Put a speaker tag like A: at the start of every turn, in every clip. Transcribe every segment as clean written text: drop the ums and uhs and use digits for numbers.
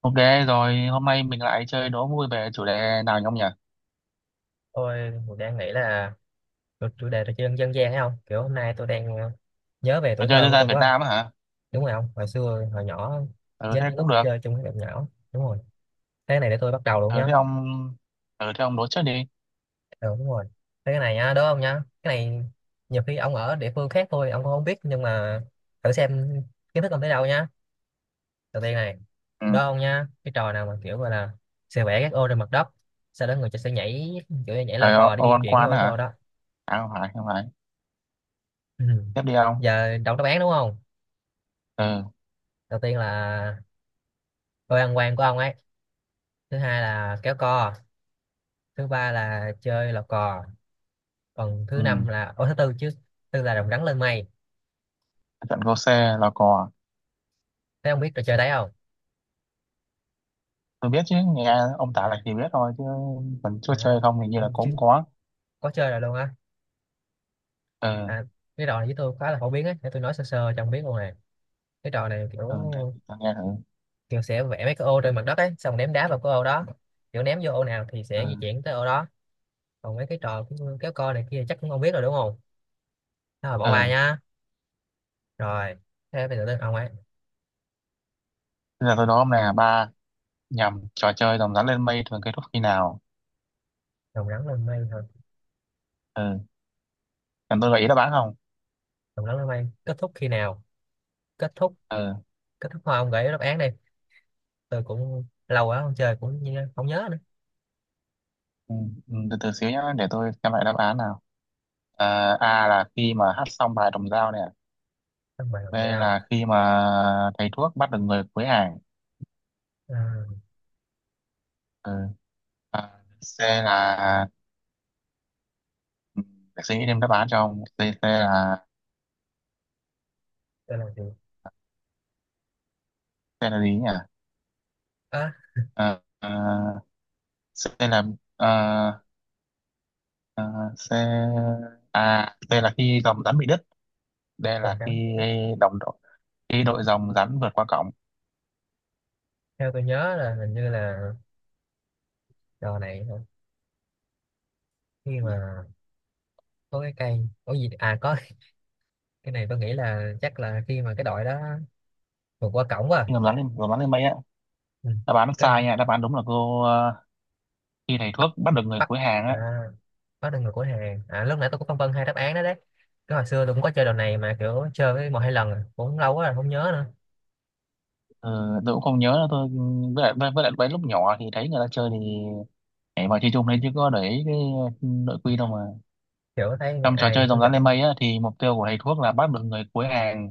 A: Ok rồi, hôm nay mình lại chơi đố vui về chủ đề nào nhỉ ông nhỉ?
B: Tôi đang nghĩ là chủ chủ đề trò chơi dân dân gian ấy không? Kiểu hôm nay tôi đang nhớ về
A: Trò
B: tuổi
A: chơi
B: thơ
A: dân
B: của
A: gian
B: tôi
A: Việt
B: quá.
A: Nam á hả?
B: Đúng rồi không? Hồi xưa, hồi nhỏ,
A: Ừ
B: nhớ
A: thế
B: những
A: cũng
B: lúc
A: được.
B: chơi chung với bạn nhỏ. Đúng rồi. Cái này để tôi bắt đầu luôn
A: Ừ
B: nhá.
A: thế ông ừ thế ông đố trước đi.
B: Ừ, đúng rồi. Cái này nhá, đúng không nhá? Cái này nhiều khi ông ở địa phương khác thôi, ông cũng không biết. Nhưng mà thử xem kiến thức ông tới đâu nhá. Đầu tiên này,
A: Ừ.
B: đó không nhá? Cái trò nào mà kiểu gọi là sẽ vẽ các ô trên mặt đất. Sau đó người ta sẽ nhảy, kiểu như nhảy lò
A: Trời ơi,
B: cò để
A: ô
B: di
A: ăn
B: chuyển cái ô
A: quán á
B: cái ô
A: hả?
B: đó.
A: À không phải, không phải.
B: Ừ.
A: Tiếp đi ông.
B: Giờ đọc đáp án đúng không?
A: Ừ.
B: Đầu tiên là tôi ăn quan của ông ấy, thứ hai là kéo co, thứ ba là chơi lò cò, còn thứ
A: Ừ.
B: năm là ô thứ tư chứ, tư là rồng rắn lên mây.
A: Trận Cô Xe là cò.
B: Thế ông biết trò chơi đấy không?
A: Tôi biết chứ, nghe ông tả lại thì biết thôi chứ còn chưa
B: à,
A: chơi không thì như là
B: ông chứ
A: cũng có.
B: có chơi rồi luôn á.
A: Ừ.
B: à, cái trò này với tôi khá là phổ biến ấy, để tôi nói sơ sơ cho ông biết luôn này. Cái trò này kiểu,
A: Ừ để tôi nghe thử.
B: kiểu sẽ vẽ mấy cái ô trên mặt đất ấy, xong ném đá vào cái ô đó, kiểu ném vô ô nào thì sẽ di
A: Ừ.
B: chuyển tới ô đó. Còn mấy cái trò kiểu kéo co này kia chắc cũng không biết rồi đúng không? Thôi mà bỏ qua
A: Ừ.
B: nhá. Rồi, thế bây giờ đến ông ấy.
A: Bây giờ tôi đố ông này là ba, nhầm, trò chơi rồng rắn lên mây thường kết thúc khi nào?
B: Rồng rắn lên mây thôi.
A: Ừ. Cần tôi gợi ý đáp án không?
B: Rồng rắn lên mây kết thúc khi nào? Kết thúc,
A: Ừ.
B: kết thúc thôi ông gửi đáp án đi, tôi cũng lâu quá không chơi cũng không nhớ nữa.
A: Ừ, ừ, từ từ xíu nhá, để tôi xem lại đáp án nào. À, A là khi mà hát xong bài đồng dao nè,
B: Xong bài
A: B
B: đồng dao.
A: là khi mà thầy thuốc bắt được người cuối hàng.
B: à,
A: Ừ. À, C là, ừ, để suy nghĩ thêm đáp án cho ông. C, C là
B: tôi làm gì?
A: C là gì nhỉ?
B: à,
A: À, à, C là, à, C, à, C là khi dòng rắn bị đứt. D
B: Trồng
A: là khi
B: trắng thì đất.
A: đồng đội, khi đội dòng rắn vượt qua cổng.
B: Theo tôi nhớ là hình như là trò này hả? Khi
A: Ừ,
B: mà có cái cây có gì à có cái này tôi nghĩ là chắc là khi mà cái đội đó vượt qua cổng quá.
A: khi dòng rắn lên, dòng rắn lên mây á.
B: Ừ.
A: Đáp án nó
B: Cái,
A: sai nha, đáp án đúng là cô, khi thầy
B: bắt,
A: thuốc bắt được người
B: bắt.
A: cuối hàng
B: à,
A: á.
B: Bắt được người của hàng, à lúc nãy tôi cũng phân vân hai đáp án đó đấy. Cái hồi xưa tôi cũng có chơi đồ này mà kiểu chơi với một hai lần à, cũng lâu quá rồi không nhớ nữa.
A: Ờ, tôi cũng không nhớ nữa. Tôi với lại, với lại mấy lúc nhỏ thì thấy người ta chơi thì nhảy vào chơi chung đấy, chứ có để ý cái nội quy đâu mà.
B: Kiểu thấy
A: Trong trò
B: ai
A: chơi dòng
B: hướng
A: rắn lên
B: dẫn.
A: mây á thì mục tiêu của thầy thuốc là bắt được người cuối hàng,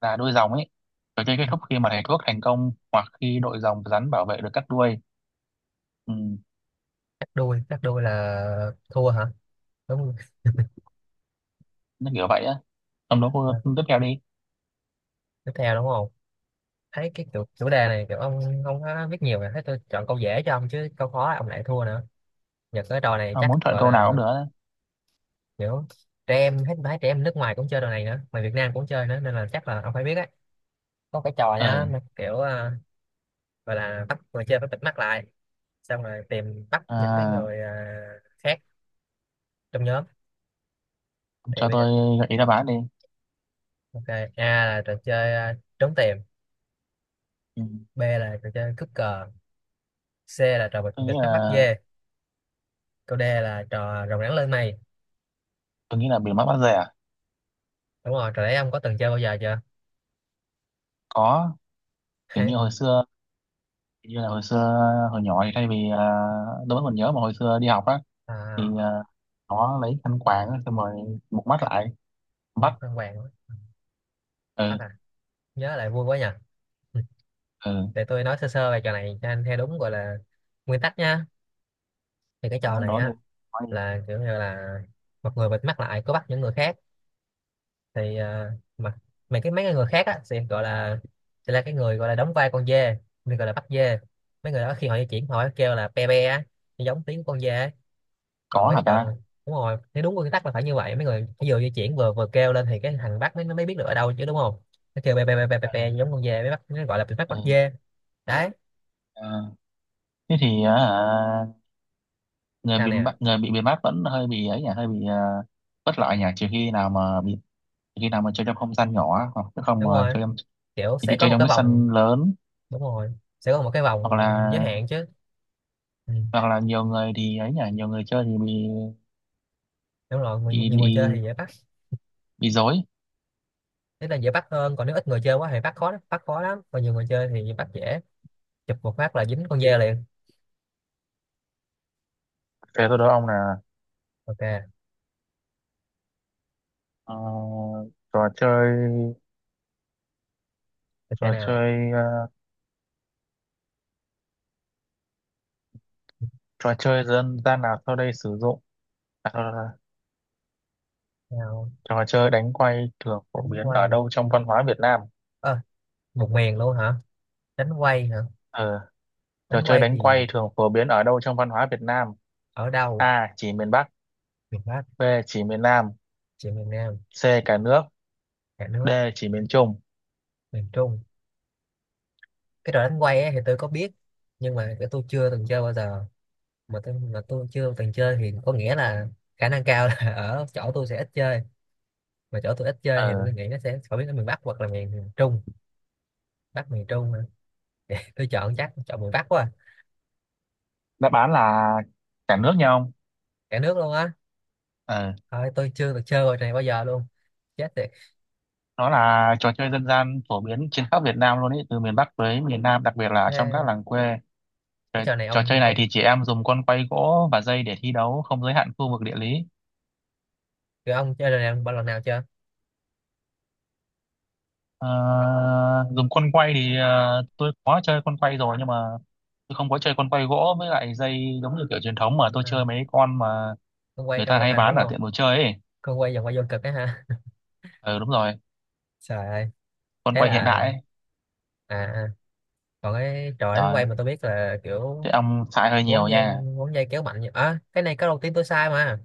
A: là đuôi rồng ấy. Trò chơi kết thúc khi mà thầy thuốc thành công, hoặc khi đội rồng rắn bảo vệ được cắt đuôi. Ừ,
B: Cắt đuôi, cắt đuôi là thua hả? Đúng rồi.
A: nó kiểu vậy á. Trong đó cô
B: À,
A: tiếp theo đi.
B: tiếp theo đúng không? Thấy cái chủ đề này kiểu ông không có biết nhiều rồi, thấy tôi chọn câu dễ cho ông chứ câu khó ông lại thua nữa. Giờ cái trò này
A: À, muốn
B: chắc
A: chọn
B: gọi
A: câu nào cũng
B: là
A: được á.
B: kiểu trẻ em hết, phải trẻ em nước ngoài cũng chơi trò này nữa mà Việt Nam cũng chơi nữa nên là chắc là ông phải biết á. Có cái trò nhá
A: Ừ.
B: mà kiểu gọi là bắt người chơi phải bịt mắt lại, xong rồi tìm bắt những cái
A: À,
B: người khác trong nhóm. Thì
A: cho
B: bây giờ,
A: tôi gợi ý đáp án đi.
B: ok, A là trò chơi trốn tìm,
A: Ừ.
B: B là trò chơi cướp cờ, C là trò bịt
A: tôi nghĩ
B: bịt mắt bắt
A: là
B: dê, câu D là trò rồng rắn lên mây.
A: tôi nghĩ là bị mắc bắt rẻ.
B: Đúng rồi trò đấy ông có từng chơi bao giờ chưa?
A: Có, kiểu như hồi xưa, như là hồi xưa, hồi nhỏ thì thay vì, đối với mình nhớ mà hồi xưa đi học á thì,
B: À
A: nó lấy khăn quàng á, xong rồi một mắt lại
B: quân
A: bắt.
B: phan hoàng.
A: Ừ.
B: Bắt à, nhớ lại vui quá nhỉ. Ừ,
A: Ừ,
B: để tôi nói sơ sơ về trò này cho anh theo đúng gọi là nguyên tắc nha. Thì cái trò
A: ông
B: này
A: đó đi.
B: á
A: Nói đi.
B: là kiểu như là một người bịt mắt lại có bắt những người khác. thì à, mà mà cái mấy cái người khác á sẽ gọi là sẽ là cái người gọi là đóng vai con dê, người gọi là bắt dê. Mấy người đó khi họ di chuyển họ kêu là pe pe á, giống tiếng con dê ấy. Còn
A: Có
B: mấy
A: hả
B: cái trò.
A: ta?
B: Đúng rồi, nếu đúng quy tắc là phải như vậy, mấy người phải vừa di chuyển vừa vừa kêu lên thì cái thằng bắt mới mới biết được ở đâu chứ đúng không? Nó kêu be be be be be,
A: Ừ,
B: be giống con dê mới bắt, nó gọi là bị bắt bắt
A: ừ.
B: dê. Đấy.
A: À, thế thì, à, người
B: Sao
A: bị
B: nè?
A: bắt người bị bị bắt vẫn hơi bị ấy nhỉ, hơi bị, bất lợi nhỉ. Trừ khi nào mà bị, trừ khi nào mà chơi trong không gian nhỏ á, hoặc chứ không
B: Đúng
A: mà
B: rồi,
A: chơi trong,
B: kiểu sẽ
A: chơi,
B: có
A: chơi
B: một
A: trong
B: cái
A: cái sân
B: vòng.
A: lớn,
B: Đúng rồi sẽ có một cái vòng
A: hoặc là,
B: giới hạn chứ. Ừ.
A: hoặc là nhiều người thì ấy nhỉ, nhiều người chơi thì bị,
B: Đúng rồi, người,
A: bị
B: nhiều người chơi
A: bị,
B: thì dễ bắt.
A: bị dối.
B: Thế là dễ bắt hơn, còn nếu ít người chơi quá thì bắt khó lắm, bắt khó lắm, còn nhiều người chơi thì bắt dễ, chụp một phát là dính con dê liền.
A: Thế tôi đố ông là,
B: Ok,
A: ờ, trò chơi,
B: tôi chơi
A: trò
B: nào.
A: chơi ờ, trò chơi dân gian nào sau đây sử dụng, à, thôi, thôi, thôi.
B: Nào,
A: Trò chơi đánh quay thường phổ
B: đánh
A: biến ở
B: quay,
A: đâu trong văn hóa Việt Nam?
B: ờ một miền luôn hả? Đánh quay hả?
A: Ờ, trò
B: Đánh
A: chơi
B: quay thì
A: đánh quay thường phổ biến ở đâu trong văn hóa Việt Nam?
B: ở đâu?
A: A, chỉ miền Bắc.
B: Miền Bắc,
A: B, chỉ miền Nam.
B: chị miền Nam,
A: C, cả nước.
B: cả
A: D,
B: nước,
A: chỉ miền Trung.
B: miền Trung. Cái trò đánh quay ấy thì tôi có biết, nhưng mà cái tôi chưa từng chơi bao giờ. Mà tôi chưa từng chơi thì có nghĩa là khả năng cao là ở chỗ tôi sẽ ít chơi. Mà chỗ tôi ít chơi thì
A: Ờ,
B: tôi nghĩ nó sẽ phổ biến ở miền Bắc hoặc là miền miền Trung. Bắc miền Trung hả? Tôi chọn chắc chọn miền Bắc quá à.
A: đáp án là cả nước nha ông.
B: Cả nước luôn á.
A: Ờ,
B: Thôi tôi chưa được chơi trò này bao giờ luôn. Chết tiệt.
A: nó là trò chơi dân gian phổ biến trên khắp Việt Nam luôn ý, từ miền Bắc tới miền Nam, đặc biệt là trong các
B: Thế
A: làng quê. Trò,
B: cái trò này
A: trò chơi
B: ông
A: này
B: ông
A: thì chị em dùng con quay gỗ và dây để thi đấu, không giới hạn khu vực địa lý.
B: rồi ông chơi trò này bao lần nào chưa?
A: Ờ,
B: Ông,
A: dùng con quay thì, tôi có chơi con quay rồi, nhưng mà tôi không có chơi con quay gỗ với lại dây giống như kiểu truyền thống, mà tôi
B: à,
A: chơi mấy con mà
B: ông quay
A: người
B: trong
A: ta
B: hoạt
A: hay
B: hình
A: bán
B: đúng
A: ở
B: không?
A: tiệm đồ chơi ấy.
B: Con quay vòng quay vô cực á ha.
A: Ừ đúng rồi,
B: Trời ơi.
A: con
B: Thế
A: quay
B: là
A: hiện đại
B: à,
A: ấy.
B: à, còn cái trò đánh
A: Rồi,
B: quay mà tôi biết là kiểu
A: thế ông xài hơi nhiều
B: quấn dây,
A: nha.
B: quấn dây kéo mạnh nhỉ? À, cái này câu đầu tiên tôi sai mà.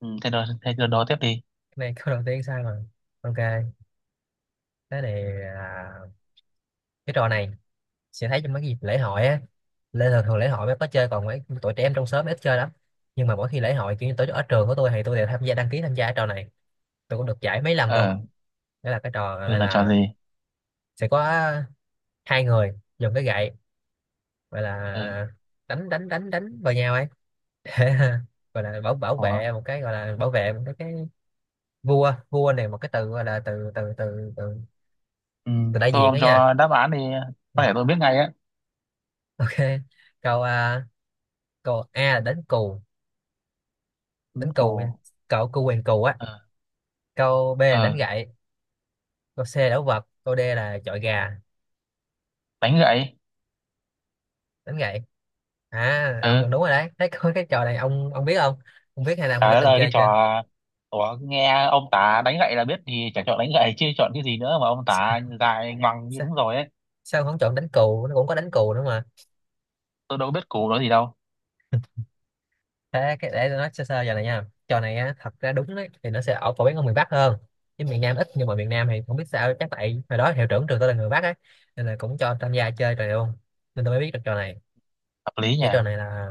A: Ừ, thế đó đó tiếp đi.
B: Cái này câu đầu tiên sai mà. Ok. Cái này là cái trò này sẽ thấy trong mấy cái dịp lễ hội á, lễ thường thường lễ hội mới có chơi, còn mấy tụi trẻ em trong xóm ít chơi lắm. Nhưng mà mỗi khi lễ hội kiểu như tổ ở trường của tôi thì tôi đều tham gia đăng ký tham gia cái trò này, tôi cũng được giải mấy lần luôn.
A: Ờ,
B: Đó là cái trò
A: ừ,
B: này
A: là trò
B: là
A: gì?
B: sẽ có hai người dùng cái gậy gọi
A: Ừ,
B: là đánh đánh đánh đánh vào nhau ấy. Thế ha, gọi là bảo bảo vệ
A: có.
B: một cái, gọi là bảo vệ một cái vua vua này, một cái từ gọi là từ từ từ từ,
A: Ừ,
B: từ đại
A: thôi
B: diện đó
A: ông
B: nha.
A: cho đáp án đi,
B: Ừ,
A: có thể tôi biết ngay á.
B: ok. Câu câu A là đánh cù,
A: Ừ,
B: đánh cù nha,
A: cổ.
B: cậu cù quyền cù á.
A: Ờ,
B: Câu B là đánh
A: ờ,
B: gậy, câu C là đấu vật, câu D là chọi gà.
A: đánh gậy.
B: Đánh gậy. À ông
A: Ừ.
B: gần đúng rồi đấy, thấy có cái trò này ông biết không? Ông biết hay là ông
A: Trời
B: đã
A: đất
B: từng
A: ơi cái
B: chơi
A: trò.
B: chưa?
A: Ủa, nghe ông tả đánh gậy là biết thì chẳng chọn đánh gậy chứ chọn cái gì nữa, mà ông tả dài ngoằng như
B: Sao,
A: đúng rồi ấy.
B: sao ông không chọn đánh cù? Nó cũng có đánh cù nữa.
A: Tôi đâu biết củ đó gì đâu.
B: Thế cái để tôi nói sơ sơ giờ này nha, trò này á thật ra đúng đấy thì nó sẽ ở phổ biến ở miền Bắc hơn chứ miền Nam ít, nhưng mà miền Nam thì không biết sao, chắc tại hồi đó hiệu trưởng trường tôi là người Bắc ấy nên là cũng cho tham gia chơi trò này luôn, nên tôi mới biết được trò này.
A: Hợp lý nhỉ.
B: Cái trò này là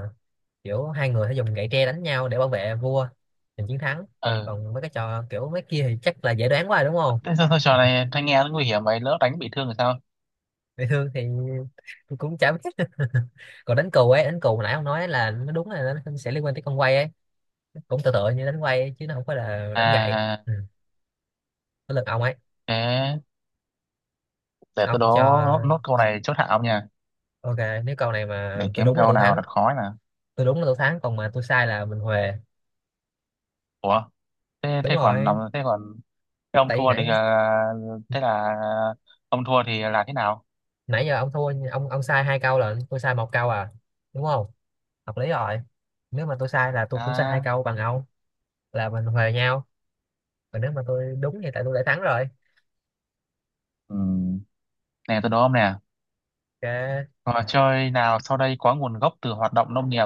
B: kiểu hai người sẽ dùng gậy tre đánh nhau để bảo vệ vua giành chiến thắng.
A: Ừ
B: Còn mấy cái trò kiểu mấy kia thì chắc là dễ đoán quá rồi đúng không?
A: thế sao, sao trò này thanh nghe nó nguy hiểm vậy, lỡ đánh bị thương thì sao?
B: Bị thương thì tôi cũng chả biết. Còn đánh cù ấy, đánh cù hồi nãy ông nói là nó đúng là nó sẽ liên quan tới con quay ấy, cũng tựa tựa như đánh quay ấy, chứ nó không phải là đánh gậy.
A: À
B: Ừ. Tới lượt ông ấy.
A: thế để tôi đố
B: Ông cho,
A: nốt, nốt câu này chốt hạ ông nha.
B: ok. Nếu câu này mà
A: Để
B: tôi
A: kiếm
B: đúng là
A: câu
B: tôi
A: nào
B: thắng,
A: thật khó nè.
B: tôi đúng là tôi thắng, còn mà tôi sai là mình huề.
A: Ủa, thế,
B: Đúng
A: thế còn làm
B: rồi,
A: thế còn thế ông
B: tại vì
A: thua
B: nãy,
A: thì, à, thế là ông thua thì là thế nào?
B: nãy giờ ông thua, ông sai hai câu là tôi sai một câu à, đúng không? Hợp lý rồi. Nếu mà tôi sai là tôi cũng sai hai
A: À,
B: câu bằng ông là mình huề nhau. Còn nếu mà tôi đúng thì tại tôi đã thắng rồi.
A: ừ. Nè tôi đố ông nè.
B: Ok.
A: Trò chơi nào sau đây có nguồn gốc từ hoạt động nông nghiệp?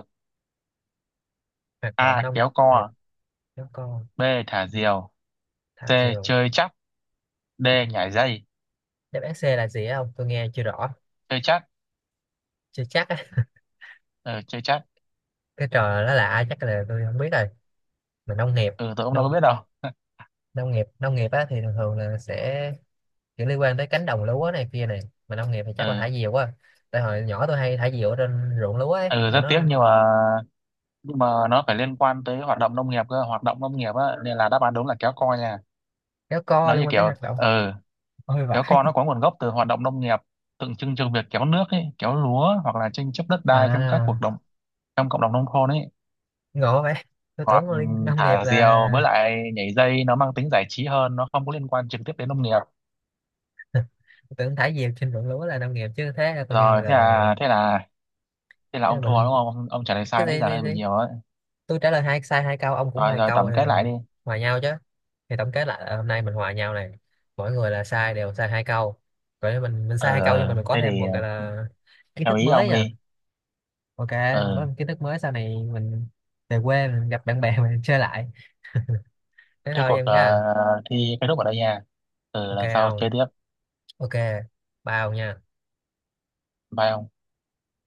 B: Hoạt động
A: A.
B: nông
A: Kéo
B: nghiệp.
A: co.
B: Giống con.
A: B. Thả diều. C.
B: Thạc diều.
A: Chơi chắc. D. Nhảy dây.
B: Đáp án C là gì không? Tôi nghe chưa rõ.
A: Chơi chắc.
B: Chưa chắc á.
A: Ừ, chơi chắc.
B: Cái trò nó lạ chắc là tôi không biết rồi. Mà nông nghiệp,
A: Ừ, tôi cũng đâu có
B: nông
A: biết đâu.
B: nông nghiệp á thì thường thường là sẽ kiểu liên quan tới cánh đồng lúa này kia này. Mà nông nghiệp thì chắc là
A: Ừ,
B: thả diều quá, tại hồi nhỏ tôi hay thả diều ở trên ruộng lúa ấy
A: ừ
B: kiểu
A: rất tiếc,
B: nó.
A: nhưng mà, nhưng mà nó phải liên quan tới hoạt động nông nghiệp cơ, hoạt động nông nghiệp á, nên là đáp án đúng là kéo co nha.
B: Kéo co
A: Nó
B: liên
A: như
B: quan tới
A: kiểu,
B: hoạt động.
A: ừ,
B: Ôi
A: kéo
B: vãi.
A: co nó có nguồn gốc từ hoạt động nông nghiệp, tượng trưng cho việc kéo nước ấy, kéo lúa, hoặc là tranh chấp đất đai trong các cuộc
B: À
A: đồng, trong cộng đồng nông thôn ấy.
B: ngộ vậy. Tôi
A: Còn
B: tưởng là nông nghiệp
A: thả diều với
B: là.
A: lại nhảy dây nó mang tính giải trí hơn, nó không có liên quan trực tiếp đến nông nghiệp.
B: Tôi tưởng thả diều trên ruộng lúa là nông nghiệp chứ. Thế là coi như
A: Rồi thế
B: là
A: là thế là thế là
B: thế
A: ông
B: là
A: thua
B: mình.
A: đúng không ông, ông trả lời
B: cái
A: sai nãy
B: gì
A: giờ
B: gì
A: hơi
B: gì
A: bị nhiều ấy.
B: tôi trả lời hai sai hai câu, ông cũng
A: Rồi
B: hai
A: rồi
B: câu
A: tổng
B: thì
A: kết lại đi.
B: mình hòa nhau chứ. Thì tổng kết lại là hôm nay mình hòa nhau này, mỗi người là sai đều sai hai câu. Vậy mình sai
A: Ờ
B: hai câu nhưng mà
A: ờ,
B: mình có
A: thế
B: thêm
A: thì
B: một cái
A: ờ,
B: là kiến
A: theo
B: thức
A: ý
B: mới
A: ông
B: nha.
A: đi.
B: Ok,
A: Ờ,
B: có kiến thức mới sau này mình về quê mình gặp bạn bè mình chơi lại. Thế
A: thế
B: thôi
A: cuộc,
B: em nha.
A: thi kết thúc ở đây nha. Ờ
B: Ok
A: lần sau
B: không?
A: chơi tiếp.
B: Ok. Bao nha.
A: Bye ông.